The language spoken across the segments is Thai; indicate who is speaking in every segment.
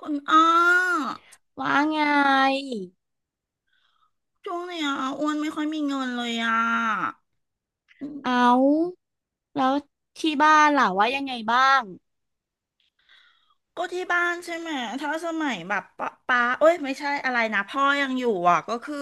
Speaker 1: คุณอ้อ
Speaker 2: ว่าไง
Speaker 1: ช่วงเนี้ยอ้วนไม่ค่อยมีเงินเลยอ่ะอืม
Speaker 2: เอาแล้วที่บ้านล่ะว่ายังไงบ้าง
Speaker 1: ก็ที่บ้านใช่ไหม ถ้าสมัยแบบป้าปาเอ้ยไม่ใช่อะไรนะพ่อยังอยู่อ่ะก็คือ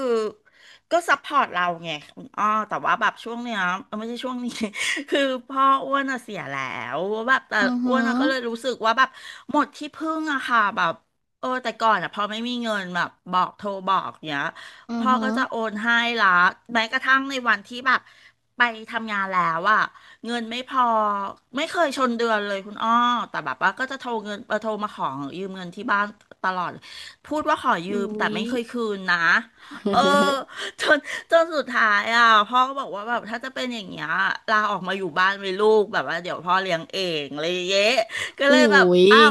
Speaker 1: ก็ซัพพอร์ตเราไงคุณอ้อแต่ว่าแบบช่วงเนี้ยเอ้ยไม่ใช่ช่วงนี้ คือพ่ออ้วนอะเสียแล้วแบบแต่
Speaker 2: อือ
Speaker 1: อ้ว
Speaker 2: หื
Speaker 1: น
Speaker 2: อ
Speaker 1: อะก็เลยรู้สึกว่าแบบหมดที่พึ่งอะค่ะแบบเออแต่ก่อนอะพอไม่มีเงินแบบบอกโทรบอกเนี้ย
Speaker 2: อือ
Speaker 1: พ่อ
Speaker 2: หื
Speaker 1: ก็
Speaker 2: อ
Speaker 1: จะโอนให้ละแม้กระทั่งในวันที่แบบไปทำงานแล้วอะ เงินไม่พอไม่เคยชนเดือนเลยคุณอ้อแต่แบบว่าก็จะโทรเงินโทรมาขอยืมเงินที่บ้านตลอดพูดว่าขอยืม
Speaker 2: อุ้
Speaker 1: แต่
Speaker 2: ย
Speaker 1: ไม่เคยคืนนะเออ จนจนสุดท้ายอ่ะพ่อก็บอกว่าแบบถ้าจะเป็นอย่างเงี้ยลาออกมาอยู่บ้านเลยลูกแบบว่าเดี๋ยวพ่อเลี้ยงเองเลยางเย้ก็เล
Speaker 2: อุ้
Speaker 1: ยแบบ
Speaker 2: ย
Speaker 1: อ้าว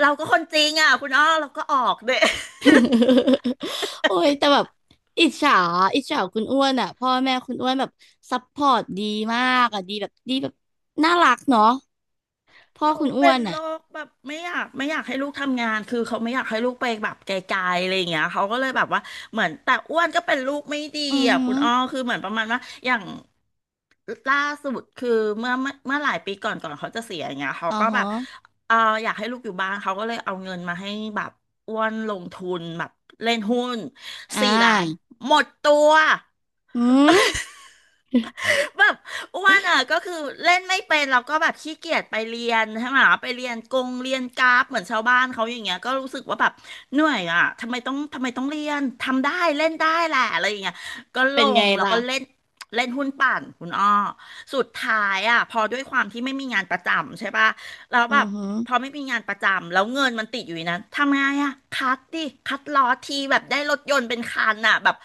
Speaker 1: เราก็คนจริงอ่ะคุณอ้อเราก็ออกเด้
Speaker 2: โอ้ยแต่แบบอิจฉาอิจฉาคุณอ้วนอ่ะพ่อแม่คุณอ้วนแบบซัพพอร์ตดีมากอ่ะดีแบบดีแบบน่ารักเนาะพ่อ
Speaker 1: เขา
Speaker 2: คุณอ้
Speaker 1: เป็
Speaker 2: ว
Speaker 1: น
Speaker 2: น
Speaker 1: โร
Speaker 2: อ่ะ
Speaker 1: คแบบไม่อยากให้ลูกทำงานคือเขาไม่อยากให้ลูกไปแบบไกลๆอะไรอย่างเงี้ยเขาก็เลยแบบว่าเหมือนแต่อ้วนก็เป็นลูกไม่ดี
Speaker 2: อือ
Speaker 1: อ่ะ
Speaker 2: หื
Speaker 1: คุ
Speaker 2: อ
Speaker 1: ณอ้อคือเหมือนประมาณว่าอย่างล่าสุดคือเมื่อหลายปีก่อนก่อนเขาจะเสียอย่างเงี้ยเขา
Speaker 2: อ๋อ
Speaker 1: ก็แบบ
Speaker 2: ฮะ
Speaker 1: เอออยากให้ลูกอยู่บ้านเขาก็เลยเอาเงินมาให้แบบอ้วนลงทุนแบบเล่นหุ้น
Speaker 2: อ่
Speaker 1: สี่ล้าน
Speaker 2: า
Speaker 1: หมดตัว
Speaker 2: อืม
Speaker 1: แบบอ้วนอ่ะก็คือเล่นไม่เป็นแล้วก็แบบขี้เกียจไปเรียนใช่ไหมไปเรียนกงเรียนกราฟเหมือนชาวบ้านเขาอย่างเงี้ยก็รู้สึกว่าแบบเหนื่อยอ่ะทำไมต้องเรียนทำได้เล่นได้แหละอะไรอย่างเงี้ยก็ ล
Speaker 2: เป็นไง
Speaker 1: งแล้ว
Speaker 2: ล่ะ
Speaker 1: ก็เล่นเล่นหุ้นปั่นคุณอ้อสุดท้ายอ่ะพอด้วยความที่ไม่มีงานประจำใช่ปะ แล้ว
Speaker 2: อื
Speaker 1: แบ
Speaker 2: อ
Speaker 1: บ
Speaker 2: หือ
Speaker 1: พอไม่มีงานประจำแล้วเงินมันติดอยู่ในนั้นทำไงอะคัดดิคัดล้อทีแบบได้รถยนต์เป็นคันอะแบบ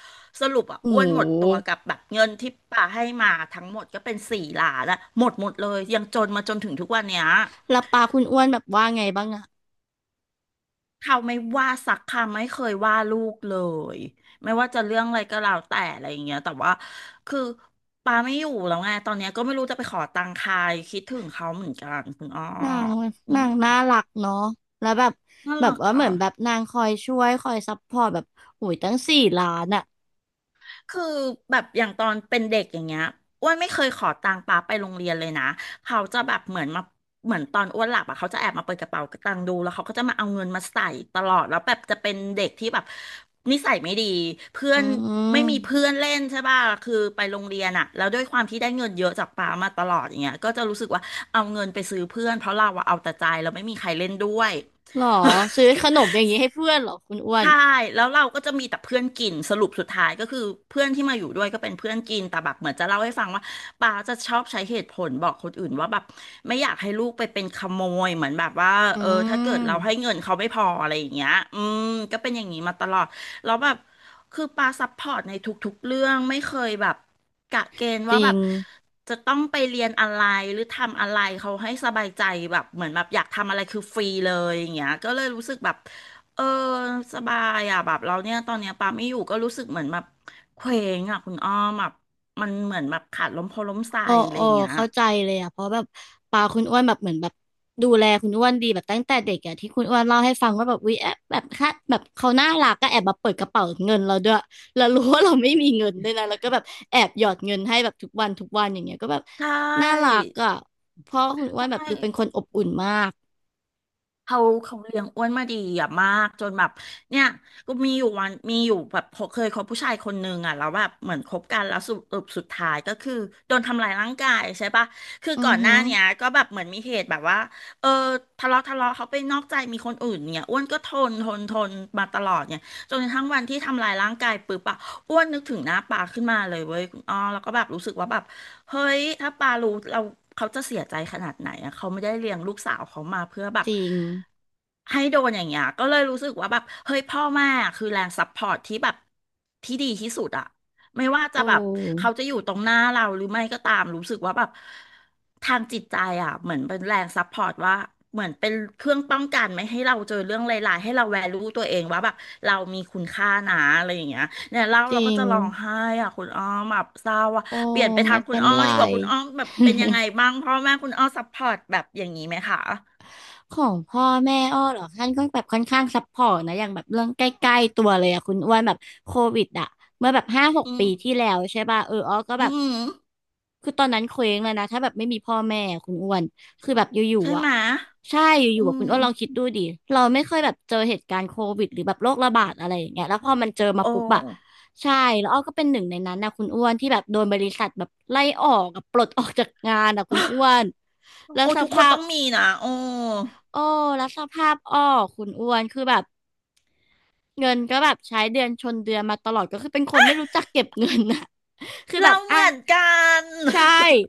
Speaker 1: สรุปอะ
Speaker 2: โอ้
Speaker 1: อ้
Speaker 2: โ
Speaker 1: วนหมดตัว
Speaker 2: ห
Speaker 1: กับแบบเงินที่ป่าให้มาทั้งหมดก็เป็นสี่ล้านอะหมดหมดเลยยังจนมาจนถึงทุกวันเนี้ย
Speaker 2: แล้วปาคุณอ้วนแบบว่าไงบ้างอะ
Speaker 1: เขาไม่ว่าสักคำไม่เคยว่าลูกเลยไม่ว่าจะเรื่องอะไรก็แล้วแต่อะไรอย่างเงี้ยแต่ว่าคือปาไม่อยู่แล้วไงตอนเนี้ยก็ไม่รู้จะไปขอตังค์ใครคิดถึงเขาเหมือนกันคุณอ้อ
Speaker 2: นาง
Speaker 1: อื
Speaker 2: นา
Speaker 1: ม
Speaker 2: งน่ารักเนาะแล้วแบบ
Speaker 1: น่า
Speaker 2: แบบ
Speaker 1: รัก
Speaker 2: ว่าเหมื
Speaker 1: ค่ะ
Speaker 2: อนแบบนางคอยช่วยคอยซัพพอร์ตแบบโอ้ยตั้ง4,000,000อ่ะ
Speaker 1: คือแบบอย่างตอนเป็นเด็กอย่างเงี้ยอ้วนไม่เคยขอตังค์ป้าไปโรงเรียนเลยนะเขาจะแบบเหมือนมาเหมือนตอนอ้วนหลับอ่ะเขาจะแอบมาเปิดกระเป๋าตังค์ดูแล้วเขาก็จะมาเอาเงินมาใส่ตลอดแล้วแบบจะเป็นเด็กที่แบบนิสัยไม่ดีเพื่อ
Speaker 2: อื
Speaker 1: นไม่มีเพื่
Speaker 2: ม
Speaker 1: อนเล่นใช่ป่ะคือไปโรงเรียนอ่ะแล้วด้วยความที่ได้เงินเยอะจากป้ามาตลอดอย่างเงี้ยก็จะรู้สึกว่าเอาเงินไปซื้อเพื่อนเพราะเราอะเอาแต่ใจเราไม่มีใครเล่นด้วย
Speaker 2: หรอซื้อขน มอย่างนี้ให้เพื่อนเหรอคุณอ้วน
Speaker 1: ใช่แล้วเราก็จะมีแต่เพื่อนกินสรุปสุดท้ายก็คือเพื่อนที่มาอยู่ด้วยก็เป็นเพื่อนกิน แต่แบบเหมือนจะเล่าให้ฟังว่าป้าจะชอบใช้เหตุผลบอกคนอื่นว่าแบบไม่อยากให้ลูกไปเป็นขโมยเหมือนแบบว่า
Speaker 2: อื
Speaker 1: เออถ้าเกิดเราให้
Speaker 2: ม
Speaker 1: เงินเขาไม่พออะไรอย่างเงี้ยอืมก็เป็นอย่างนี้มาตลอดแล้วแบบคือป้าซัพพอร์ตในทุกๆเรื่องไม่เคยแบบกะเกณฑ์
Speaker 2: จ
Speaker 1: ว่า
Speaker 2: ริ
Speaker 1: แบ
Speaker 2: ง
Speaker 1: บจะต้องไปเรียนอะไรหรือทำอะไรเขาให้สบายใจแบบเหมือนแบบอยากทำอะไรคือฟรีเลยอย่างเงี้ยก็เลยรู้สึกแบบ เออสบายอ่ะแบบเราเนี่ยตอนเนี้ยปาไม่อยู่ก็รู้สึกเหมือนแบบเคว้งอ่ะคุณอ้อมแบบมันเหมือนแบบขาดลมโพล้มใส
Speaker 2: โอ้
Speaker 1: อะไร
Speaker 2: โอ้
Speaker 1: อย่างเงี้ย
Speaker 2: เข้าใจเลยอ่ะเพราะแบบปาคุณอ้วนแบบเหมือนแบบดูแลคุณอ้วนดีแบบตั้งแต่เด็กอ่ะที่คุณอ้วนเล่าให้ฟังว่าแบบวิแอบแบบค่ะแบบเขาน่ารักก็แอบมาเปิดกระเป๋าเงินเราด้วยแล้วรู้ว่าเราไม่มีเงินด้วยนะแล้วก็แบบแอบหยอดเงินให้แบบทุกวันทุกวันอย่างเงี้ยก็แบบ
Speaker 1: ใช
Speaker 2: น่ารั
Speaker 1: ่
Speaker 2: กอ่ะเพราะคุณอ้ว
Speaker 1: ใช่
Speaker 2: นแบบดูเป็นคนอบอุ่นมาก
Speaker 1: เขาเขาเลี้ยงอ้วนมาดีอะมากจนแบบเนี่ยก็มีอยู่วันมีอยู่แบบพอเคยคบผู้ชายคนนึงอะแล้วแบบเหมือนคบกันแล้วสรุปสุดท้ายก็คือโดนทำลายร่างกายใช่ปะคือ
Speaker 2: อื
Speaker 1: ก่อ
Speaker 2: อ
Speaker 1: นห
Speaker 2: หื
Speaker 1: น้า
Speaker 2: อ
Speaker 1: เนี้ยก็แบบเหมือนมีเหตุแบบว่าเออทะเลาะเขาไปนอกใจมีคนอื่นเนี่ยอ้วนก็ทนมาตลอดเนี่ยจนกระทั่งวันที่ทำลายร่างกายปุ๊บอะอ้วนนึกถึงหน้าปาขึ้นมาเลยเว้ยคุณอ้อแล้วก็แบบรู้สึกว่าแบบ เฮ้ย ถ้าปารู้เราเขาจะเสียใจขนาดไหนอะเขาไม่ได้เลี้ยงลูกสาวเขามาเพื่อแบ
Speaker 2: จ
Speaker 1: บ
Speaker 2: ริง
Speaker 1: ให้โดนอย่างเงี้ยก็เลยรู้สึกว่าแบบเฮ้ยพ่อแม่คือแรงซัพพอร์ตที่แบบที่ดีที่สุดอะ ไม่ว่า
Speaker 2: โอ
Speaker 1: จะแบบ
Speaker 2: ้
Speaker 1: เขาจะอยู่ตรงหน้าเราหรือไม่ก็ตามรู้สึกว่าแบบทางจิตใจอ่ะเหมือนเป็นแรงซัพพอร์ตว่าเหมือนเป็นเครื่องป้องกันไม่ให้เราเจอเรื่องร้ายๆให้เราแวลูตัวเองว่าแบบเรามีคุณค่านะอะไรอย่างเงี้ยเนี่ยเล่า
Speaker 2: จ
Speaker 1: เรา
Speaker 2: ริ
Speaker 1: ก็
Speaker 2: ง
Speaker 1: จะร้องไห้อ่ะคุณอ้อมแบบเศร้าอ่ะ
Speaker 2: โอ้
Speaker 1: เปลี่ยนไปทา
Speaker 2: ไม่
Speaker 1: งคุ
Speaker 2: เป็
Speaker 1: ณ
Speaker 2: น
Speaker 1: อ้อ
Speaker 2: ไร
Speaker 1: ดีกว่าคุณอ้อมแบบเป็นยังไง บ้างพ่อแม่คุณอ้อซัพพอร์ตแบบอย่างนี้ไหมคะ
Speaker 2: ของพ่อแม่อ้อเหรอท่านก็แบบค่อนข้างซัพพอร์ตนะอย่างแบบเรื่องใกล้ๆตัวเลยอะคุณอ้วนแบบโควิดอะเมื่อแบบห้าหก
Speaker 1: อืม
Speaker 2: ปีที่แล้วใช่ป่ะเอออ้อก็
Speaker 1: อื
Speaker 2: แบบ
Speaker 1: ม
Speaker 2: คือตอนนั้นเคว้งเลยนะถ้าแบบไม่มีพ่อแม่อะคุณอ้วนคือแบบอยู่
Speaker 1: ใช่
Speaker 2: ๆอะ
Speaker 1: ไหมย
Speaker 2: ใช่อ
Speaker 1: อื
Speaker 2: ยู่ๆอะ
Speaker 1: ม
Speaker 2: คุณอ้วนลองคิดดูดิเราไม่เคยแบบเจอเหตุการณ์โควิดหรือแบบโรคระบาดอะไรอย่างเงี้ยแล้วพอมันเจอมา
Speaker 1: โอ้
Speaker 2: ปุ๊บอ่ะใช่แล้วอ้อก็เป็นหนึ่งในนั้นนะคุณอ้วนที่แบบโดนบริษัทแบบไล่ออกกับปลดออกจากงานอะคุณอ้วน แล้ว
Speaker 1: โอ้
Speaker 2: ส
Speaker 1: ทุกค
Speaker 2: ภา
Speaker 1: น
Speaker 2: พ
Speaker 1: ต้องมีนะโอ้
Speaker 2: โอ้รับสภาพอ้อคุณอ้วนคือแบบเงินก็แบบใช้เดือนชนเดือนมาตลอดก็คือเป็นคนไม่รู้จักเก็บเงินนะ คือแบ
Speaker 1: เรา
Speaker 2: บ
Speaker 1: เห
Speaker 2: อ่ะ
Speaker 1: มือนกัน
Speaker 2: ใช่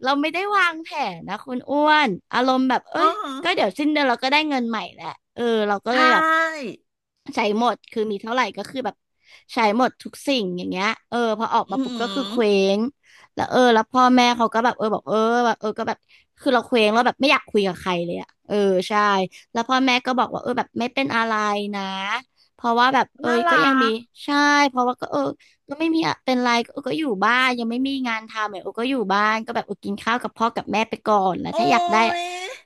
Speaker 2: เราไม่ได้วางแผนนะคุณอ้วนอารมณ์แบบเอ้
Speaker 1: อ๋อ
Speaker 2: ยก็เดี๋ยวสิ้นเดือนเราก็ได้เงินใหม่แหละเออเราก็
Speaker 1: ใช
Speaker 2: เลยแบบ
Speaker 1: ่
Speaker 2: ใช้หมดคือมีเท่าไหร่ก็คือแบบใช้หมดทุกสิ่งอย่างเงี้ยเออพอออก
Speaker 1: อื
Speaker 2: มาปุ๊บก็คือ
Speaker 1: ม
Speaker 2: เคว้งแล้วเออแล้วพ่อแม่เขาก็แบบเออบอกเออแบบเออก็แบบคือเราเคว้งแล้วแบบไม่อยากคุยกับใครเลยอ่ะเออใช่แล้วพ่อแม่ก็บอกว่าเออแบบไม่เป็นอะไรนะเพราะว่าแบบเอ
Speaker 1: น่า
Speaker 2: ยก็
Speaker 1: รั
Speaker 2: ยังมี
Speaker 1: ก
Speaker 2: ใช่เพราะว่าก็เออก็ไม่มีอะเป็นไรก็เออก็อยู่บ้านยังไม่มีงานทำเออเออก็อยู่บ้านก็แบบเออกินข้าวกับพ่อกับแม่ไปก่อนแล้ว
Speaker 1: โอ้
Speaker 2: ถ้าอยากได้
Speaker 1: ย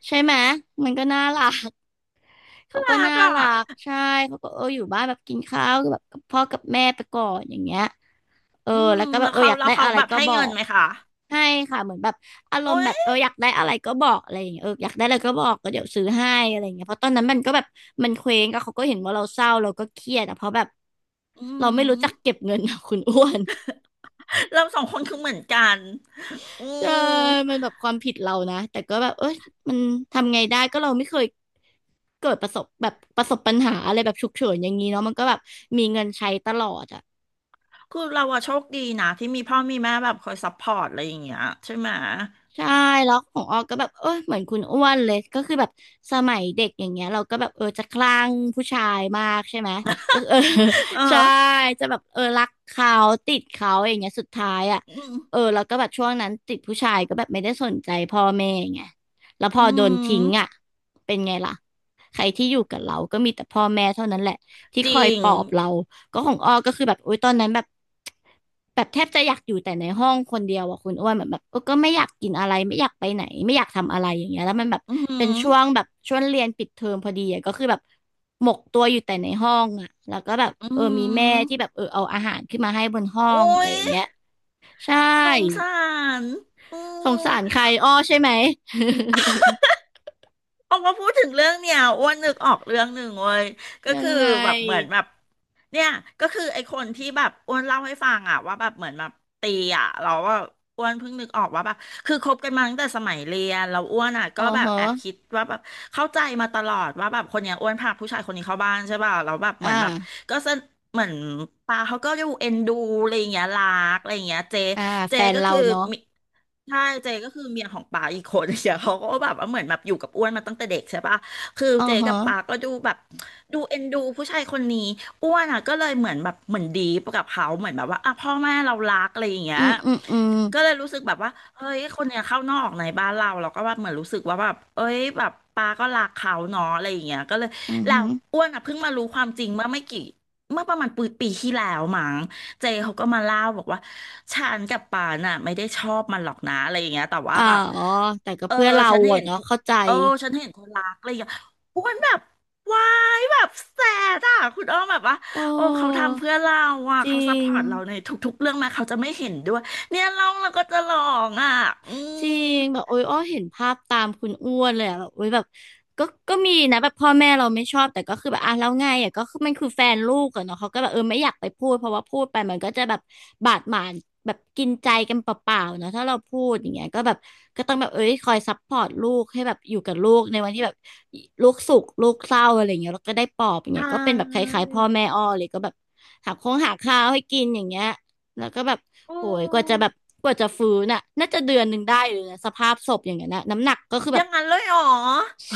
Speaker 2: ใช่ไหมมันก็น่ารัก เขาก็
Speaker 1: น่ารัก
Speaker 2: น่า
Speaker 1: อ่ะ
Speaker 2: รักใช่เขาก็เอออยู่บ้านแบบกินข้าวแบบกับพ่อกับแม่ไปก่อนอย่างเงี้ยเออ
Speaker 1: อืม
Speaker 2: แล้วก็แบ
Speaker 1: แล้
Speaker 2: บ
Speaker 1: ว
Speaker 2: เออ
Speaker 1: เขา
Speaker 2: อยาก
Speaker 1: แล้ว
Speaker 2: ได้
Speaker 1: เขา
Speaker 2: อะไร
Speaker 1: แบบ
Speaker 2: ก็
Speaker 1: ให้
Speaker 2: บอ
Speaker 1: เงิน
Speaker 2: ก
Speaker 1: ไหมคะ
Speaker 2: ให้ค่ะเหมือนแบบอารม
Speaker 1: โอ้
Speaker 2: ณ์แบบเอ
Speaker 1: ย
Speaker 2: ออยากได้อะไรก็บอกอะไรอย่างเงี้ยเอออยากได้อะไรก็บอกก็เดี๋ยวซื้อให้อะไรอย่างเงี้ยเพราะตอนนั้นมันก็แบบมันเคว้งก็เขาก็เห็นว่าเราเศร้าเราก็เครียดอะเพราะแบบ
Speaker 1: อื
Speaker 2: เราไม่รู้จั
Speaker 1: ม
Speaker 2: กเก็บเงิน อะคุณอ้วน
Speaker 1: เราสองคนคือเหมือนกัน อื
Speaker 2: ใช่
Speaker 1: ม
Speaker 2: มันแบบความผิดเรานะ แต่ก็แบบเอ้ยมันทำไงได้ก็เราไม่เคยเกิดประสบแบบประสบปัญหาอะไรแบบฉุกเฉินอย่างนี้เนาะมันก็แบบมีเงินใช้ตลอดอะ
Speaker 1: คือเราอะโชคดีนะที่มีพ่อมีแม่แบบคอยซัพพอร์ตอะไรอย่างเงี้ยใช่ไหม
Speaker 2: ใช่แล้วของออกก็แบบเออเหมือนคุณอ้วนเลยก็คือแบบสมัยเด็กอย่างเงี้ยเราก็แบบเออจะคลั่งผู้ชายมากใช่ไหมก็เออ
Speaker 1: เอ
Speaker 2: ใช่
Speaker 1: อ
Speaker 2: จะแบบเออรักเขาติดเขาอย่างเงี้ยสุดท้ายอ่ะ
Speaker 1: อืม
Speaker 2: เออแล้วก็แบบช่วงนั้นติดผู้ชายก็แบบไม่ได้สนใจพ่อแม่ไงแล้วพ
Speaker 1: อื
Speaker 2: อโดนทิ้ง
Speaker 1: ม
Speaker 2: อ่ะเป็นไงล่ะ ใครที่อยู่กับเราก็มีแต่พ่อแม่เท่านั้นแหละที่
Speaker 1: จ
Speaker 2: คอ
Speaker 1: ริ
Speaker 2: ย
Speaker 1: ง
Speaker 2: ปลอบเราก็ของอ้อก็คือแบบโอุยตอนนั้นแบบ แบบแทบจะอยากอยู่แต่ในห้องคนเดียวอะคุณอ้วนเหมือนแบบเออก็ไม่อยากกินอะไรไม่อยากไปไหนไม่อยากทำอะไรอย่างเงี้ยแล้วมันแบบ
Speaker 1: อื
Speaker 2: เป็น
Speaker 1: ม
Speaker 2: ช่วงแบบช่วงเรียนปิดเทอมพอดีอะก็คือแบบหมกตัวอยู่แต่ในห้องอะแล้วก็แบบ
Speaker 1: อื
Speaker 2: เออมีแม่ที่แบ
Speaker 1: ม
Speaker 2: บเออเอาอาหารขึ้นมาให้บนห้อ
Speaker 1: โอ้
Speaker 2: งอะไร
Speaker 1: ย
Speaker 2: อย่างเงี้ยใช่
Speaker 1: สงสารอื
Speaker 2: สง
Speaker 1: ม
Speaker 2: สารใครอ้อใช่ไหม
Speaker 1: ออกมาพูดถึงเรื่องเนี่ยอ้วนนึกออกเรื่องหนึ่งเว้ยก็
Speaker 2: ยัง
Speaker 1: คือ
Speaker 2: ไง
Speaker 1: แบบเหมือนแบบเนี่ยก็คือไอ้คนที่แบบอ้วนเล่าให้ฟังอะว่าแบบเหมือนแบบตีอ่ะเราว่าอ้วนเพิ่งนึกออกว่าแบบคือคบกันมาตั้งแต่สมัยเรียนเราอ้วนอะ
Speaker 2: อ๋
Speaker 1: ก็
Speaker 2: อ
Speaker 1: แบบ
Speaker 2: ฮะ
Speaker 1: แอบคิดว่าแบบเข้าใจมาตลอดว่าแบบคนเนี้ยอ้วนพาผู้ชายคนนี้เข้าบ้านใช่ป่ะเราแล้วแบบเห
Speaker 2: อ่
Speaker 1: มือนแบบ
Speaker 2: า
Speaker 1: ก็สนเหมือนปาเขาก็ดูเอ็นดูอะไรอย่างเงี้ยรักอะไรอย่างเงี้ยเจ
Speaker 2: อ่า
Speaker 1: เจ
Speaker 2: แฟน
Speaker 1: ก็
Speaker 2: เรา
Speaker 1: คือ
Speaker 2: เนาะ
Speaker 1: มี ใช่เจก็คือเมียของป๋าอีกคนเดียวเขาก็แบบว่าเหมือนแบบอยู่กับอ้วนมาตั้งแต่เด็กใช่ปะคือ
Speaker 2: อ๋อ
Speaker 1: เจ
Speaker 2: ฮะ
Speaker 1: กับป๋าก็ดูแบบดูเอ็นดูผู้ชายคนนี้อ้วนอ่ะก็เลยเหมือนแบบเหมือนดีปกับเขาเหมือนแบบว่าอ่ะพ่อแม่เรารักอะไรอย่างเงี้
Speaker 2: อื
Speaker 1: ย
Speaker 2: มอืมอืม
Speaker 1: ก็เลยรู้สึกแบบว่าเฮ้ยคนเนี้ยเข้านอกในบ้านเราเราก็ว่าเหมือนรู้สึกว่าแบบเอ้ยแบบป๋าก็รักเขาเนาะอะไรอย่างเงี้ยก็เลย
Speaker 2: อืม
Speaker 1: แล้
Speaker 2: ฮึ
Speaker 1: วอ้วนอ่ะเพิ่งมารู้ความจริงเมื่อไม่กี่เมื่อประมาณปีที่แล้วมั้ง เจเขาก็มาเล่าบอกว่าฉันกับปานน่ะไม่ได้ชอบมันหรอกนะอะไรอย่างเงี้ยแต่ว่า
Speaker 2: อ่า
Speaker 1: แบบ
Speaker 2: อ๋อแต่ก็
Speaker 1: เออ
Speaker 2: เพื่อนเรา
Speaker 1: ฉันเห็
Speaker 2: อะ
Speaker 1: นเธ
Speaker 2: เนาะ
Speaker 1: อ
Speaker 2: เข้าใจ
Speaker 1: เออฉันเห็นเธอรักอะไรอย่างเงี้ยอ้วนแบบวายแบบแสดอ่ะคุณอ้อมแบบว่า
Speaker 2: โอ้
Speaker 1: โอ้เขาทำเพื่อเราอ่ะ
Speaker 2: จ
Speaker 1: เขา
Speaker 2: ริ
Speaker 1: ซัพพ
Speaker 2: ง
Speaker 1: อร์ตเราในทุกๆเรื่องแมาเขาจะไม่เห็นด้วยเนี่ยร้องแล้วก็จะร้องอ่ะอื
Speaker 2: จ
Speaker 1: ม
Speaker 2: ริงแบบโอ้ยอ้อเห็นภาพตามคุณอ้วนเลยอะแบบโอ้ยแบบก็มีนะแบบพ่อแม่เราไม่ชอบแต่ก็คือแบบอ่ะแล้วไงอ่ะก็คือมันคือแฟนลูกอะเนาะเขาก็แบบเออไม่อยากไปพูดเพราะว่าพูดไปมันก็จะแบบบาดหมางแบบกินใจกันเปล่าๆเนาะถ้าเราพูดอย่างเงี้ยก็แบบก็ต้องแบบเอ้ยคอยซัพพอร์ตลูกให้แบบอยู่กับลูกในวันที่แบบลูกสุขลูกเศร้าอะไรอย่างเงี้ยแล้วก็ได้ปลอบอย่าง
Speaker 1: ใช
Speaker 2: เงี้ยก็เป็นแบบค
Speaker 1: ่
Speaker 2: ล้ายๆพ่อแม่อ้อเลยก็แบบหาข้าวให้กินอย่างเงี้ยแล้วก็แบบ
Speaker 1: อื
Speaker 2: โอ้ย
Speaker 1: ม
Speaker 2: กว่าจะฟื้นน่ะน่าจะเดือนหนึ่งได้เลยนะสภาพศพอย่างเงี้ยนะน้ำหนักก็คือ
Speaker 1: อ
Speaker 2: แบบ
Speaker 1: ย่างนั้นเลยเหรอ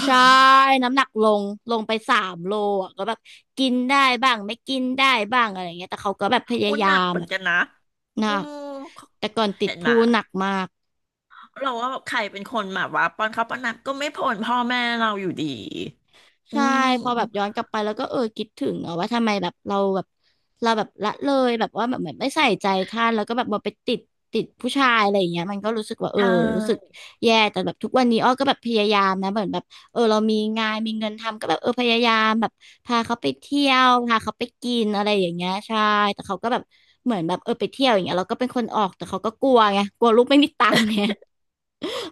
Speaker 2: ใช่ น้ำหนักลงไปสามโลอ่ะก็แบบกินได้บ้างไม่กินได้บ้างอะไรเงี้ยแต่เขาก็แบบพยา
Speaker 1: โอ้
Speaker 2: ยา
Speaker 1: หนัก
Speaker 2: ม
Speaker 1: เหมือน
Speaker 2: อะ
Speaker 1: กันนะ
Speaker 2: หนั
Speaker 1: อื
Speaker 2: ก
Speaker 1: ม
Speaker 2: แต่ก่อนติด
Speaker 1: เห็นไหม
Speaker 2: พูหนักมาก
Speaker 1: เราว่าใครเป็นคนแบบว่าป้อนข้าวป้อนน้ำก็ไม่พ้นพ่อแม่เราอยู่ดี อื
Speaker 2: ใช่พอแบบ
Speaker 1: ม
Speaker 2: ย้อนกลับไปแล้วก็เออคิดถึงอะว่าทำไมแบบเราแบบละเลยแบบว่าแบบเหมือนไม่ใส่ใจท่านแล้วก็แบบมาไปติดผู้ชายอะไรอย่างเงี้ยมันก็รู้สึกว่าเอ
Speaker 1: ใช
Speaker 2: อรู้สึก
Speaker 1: ่
Speaker 2: แย่แต่แบบทุกวันนี้อ้อก็แบบพยายามนะเหมือนแบบเออเรามีงานมีเงินทำก็แบบเออพยายามแบบพาเขาไปเที่ยวพาเขาไปกินอะไรอย่างเงี้ยใช่แต่เขาก็แบบเหมือนแบบเออไปเที่ยวอย่างเงี้ยเราก็เป็นคนออกแต่เขาก็กลัวไงกลัวลูกไม่มีตังค์ไง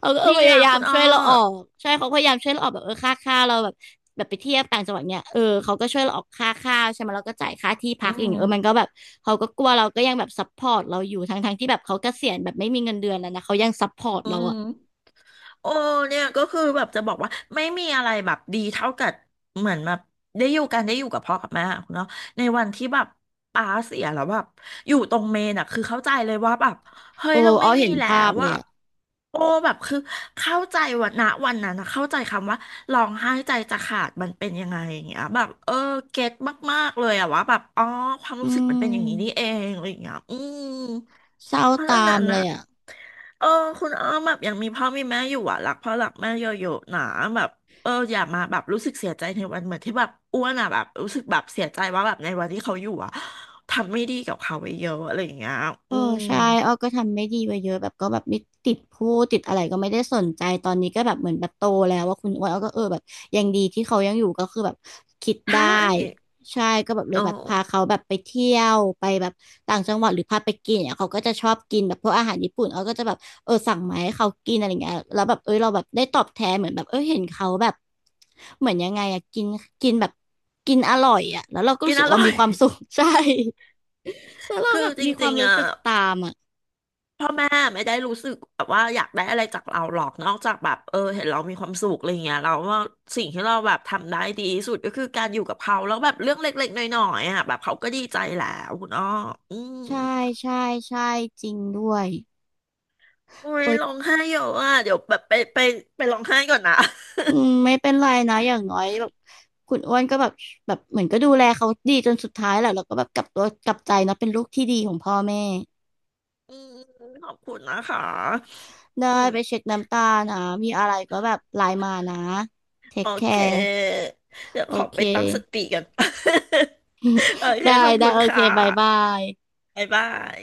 Speaker 2: เขาก็เออ
Speaker 1: ดี
Speaker 2: พยา
Speaker 1: แล้ว
Speaker 2: ยาม
Speaker 1: คุณอ้
Speaker 2: ช่
Speaker 1: อ
Speaker 2: วยเราออกใช่เขาพยายามช่วยเราออกแบบเออค่าเราแบบแบบไปเที่ยวต่างจังหวัดเนี่ยเออเขาก็ช่วยเราออกค่าข้าวใช่ไหมเราก็จ่ายค่าที่พั
Speaker 1: อื
Speaker 2: กอย่าง
Speaker 1: ม
Speaker 2: เงี้ยเออมันก็แบบเขาก็กลัวเราก็ยังแบบซัพพอร์ตเราอยู่ทั้งที่แบบเขาเกษียณแบบไม่มีเงินเดือนแล้วนะเขายังซัพพอร์ต
Speaker 1: อื
Speaker 2: เรา
Speaker 1: ม
Speaker 2: อ่ะ
Speaker 1: โอ้เนี่ยก็คือแบบจะบอกว่าไม่มีอะไรแบบดีเท่ากับเหมือนแบบได้อยู่กันได้อยู่กับพ่อกับแม่อะคุณเนาะในวันที่แบบป้าเสียแล้วแบบอยู่ตรงเมนอะคือเข้าใจเลยว่าแบบเฮ้ย
Speaker 2: โอ้
Speaker 1: เราไม่
Speaker 2: เอา
Speaker 1: มี
Speaker 2: เห็น
Speaker 1: แล้
Speaker 2: ภาพ
Speaker 1: ว
Speaker 2: เลย
Speaker 1: ว่ะ
Speaker 2: อ่ะ
Speaker 1: โอ้แบบคือเข้าใจวันนะวันนั้นนะเข้าใจคำว่าร้องไห้ใจจะขาดมันเป็นยังไงอย่างเงี้ยแบบเออเก็ตมากๆเลยอะว่าแบบอ๋อความ
Speaker 2: อื
Speaker 1: รู้สึกมันเป็นอย่างนี้นี่
Speaker 2: ม
Speaker 1: เองอะไรอย่างเงี้ยอืม
Speaker 2: เศร้า
Speaker 1: เพราะฉะ
Speaker 2: ตา
Speaker 1: นั้
Speaker 2: ม
Speaker 1: น
Speaker 2: เล
Speaker 1: นะ
Speaker 2: ยอ่ะ
Speaker 1: เออคุณอ้อมแบบยังมีพ่อมีแม่อยู่อ่ะรักพ่อรักแม่เยอะๆนะแบบเอออย่ามาแบบรู้สึกเสียใจในวันเหมือนที่แบบอ้วนอ่ะแบบรู้สึกแบบเสียใจว่าแบบในวันที่เขาอยู่อ่ะทำไม่ดีกับเขาไปเยอะอะไรอย่างเงี้ย
Speaker 2: เอ
Speaker 1: อื
Speaker 2: อ
Speaker 1: ม
Speaker 2: ใช่อ้อก็ทำไม่ดีไปเยอะแบบก็แบบไม่ติดพูดติดอะไรก็ไม่ได้สนใจตอนนี้ก็แบบเหมือนแบบโตแล้วว่าคุณอ้วนอ้อก็เออแบบยังดีที่เขายังอยู่ก็คือแบบคิด ได้
Speaker 1: ใช่
Speaker 2: ใช่ก็แบบเลย
Speaker 1: เออ
Speaker 2: แบบพาเขาแบบไปเที่ยวไปแบบต่างจังหวัดหรือพาไปกินเนี่ยเขาก็จะชอบกินแบบพวกอาหารญี่ปุ่นอ้อก็จะแบบเออสั่งมาให้เขากินอะไรเงี้ยแล้วแบบเออเราแบบได้ตอบแทนเหมือนแบบเออเห็นเขาแบบเหมือนยังไงอะกินกินแบบกินอร่อยอะแล้วเราก็
Speaker 1: กิ
Speaker 2: รู้
Speaker 1: น
Speaker 2: สึ
Speaker 1: อ
Speaker 2: กเรา
Speaker 1: ร่อ
Speaker 2: มี
Speaker 1: ย
Speaker 2: ความสุ ข ใช่แล้วเรา
Speaker 1: คื
Speaker 2: แบ
Speaker 1: อ
Speaker 2: บ
Speaker 1: จ
Speaker 2: มีควา
Speaker 1: ริ
Speaker 2: ม
Speaker 1: งๆ
Speaker 2: รู้
Speaker 1: อ่ะ
Speaker 2: สึกตามอ่ะ
Speaker 1: พ่อแม่ไม่ได้รู้สึกแบบว่าอยากได้อะไรจากเราหรอกนอกจากแบบเออเห็นเรามีความสุขอะไรเงี้ยเราว่าสิ่งที่เราแบบทำได้ดีที่สุดก็คือการอยู่กับเขาแล้วแบบเรื่องเล็กๆน้อยๆอ่ะแบบเขาก็ดีใจแล้วคุณอ้ออืม
Speaker 2: ใช่ใช่ใช่จริงด้วย
Speaker 1: อุ้ย
Speaker 2: โอ้
Speaker 1: ร้อง
Speaker 2: ย
Speaker 1: ไห้เยอะอ่ะเดี๋ยวแบบไปร้องไห้ก่อนนะ
Speaker 2: อืมไม่เป็นไรนะอย่างน้อยแบบคุณอ้วนก็แบบเหมือนก็ดูแลเขาดีจนสุดท้ายแหละแล้วก็แบบกลับตัวกลับใจนะเป็นลูกที่ดีของพ่อแม่
Speaker 1: อืมขอบคุณนะคะ
Speaker 2: ได้
Speaker 1: อืม
Speaker 2: ไปเช็คน้ำตานะมีอะไรก็แบบไลน์มานะเทค
Speaker 1: โอ
Speaker 2: แค
Speaker 1: เค
Speaker 2: ร์
Speaker 1: เดี๋ยว
Speaker 2: โอ
Speaker 1: ขอ
Speaker 2: เค
Speaker 1: ไปตั้งสติกัน โอ เค
Speaker 2: ได้
Speaker 1: ขอบ
Speaker 2: ได้
Speaker 1: คุณ
Speaker 2: โอเค
Speaker 1: ค่ะ
Speaker 2: บายบาย
Speaker 1: บ๊ายบาย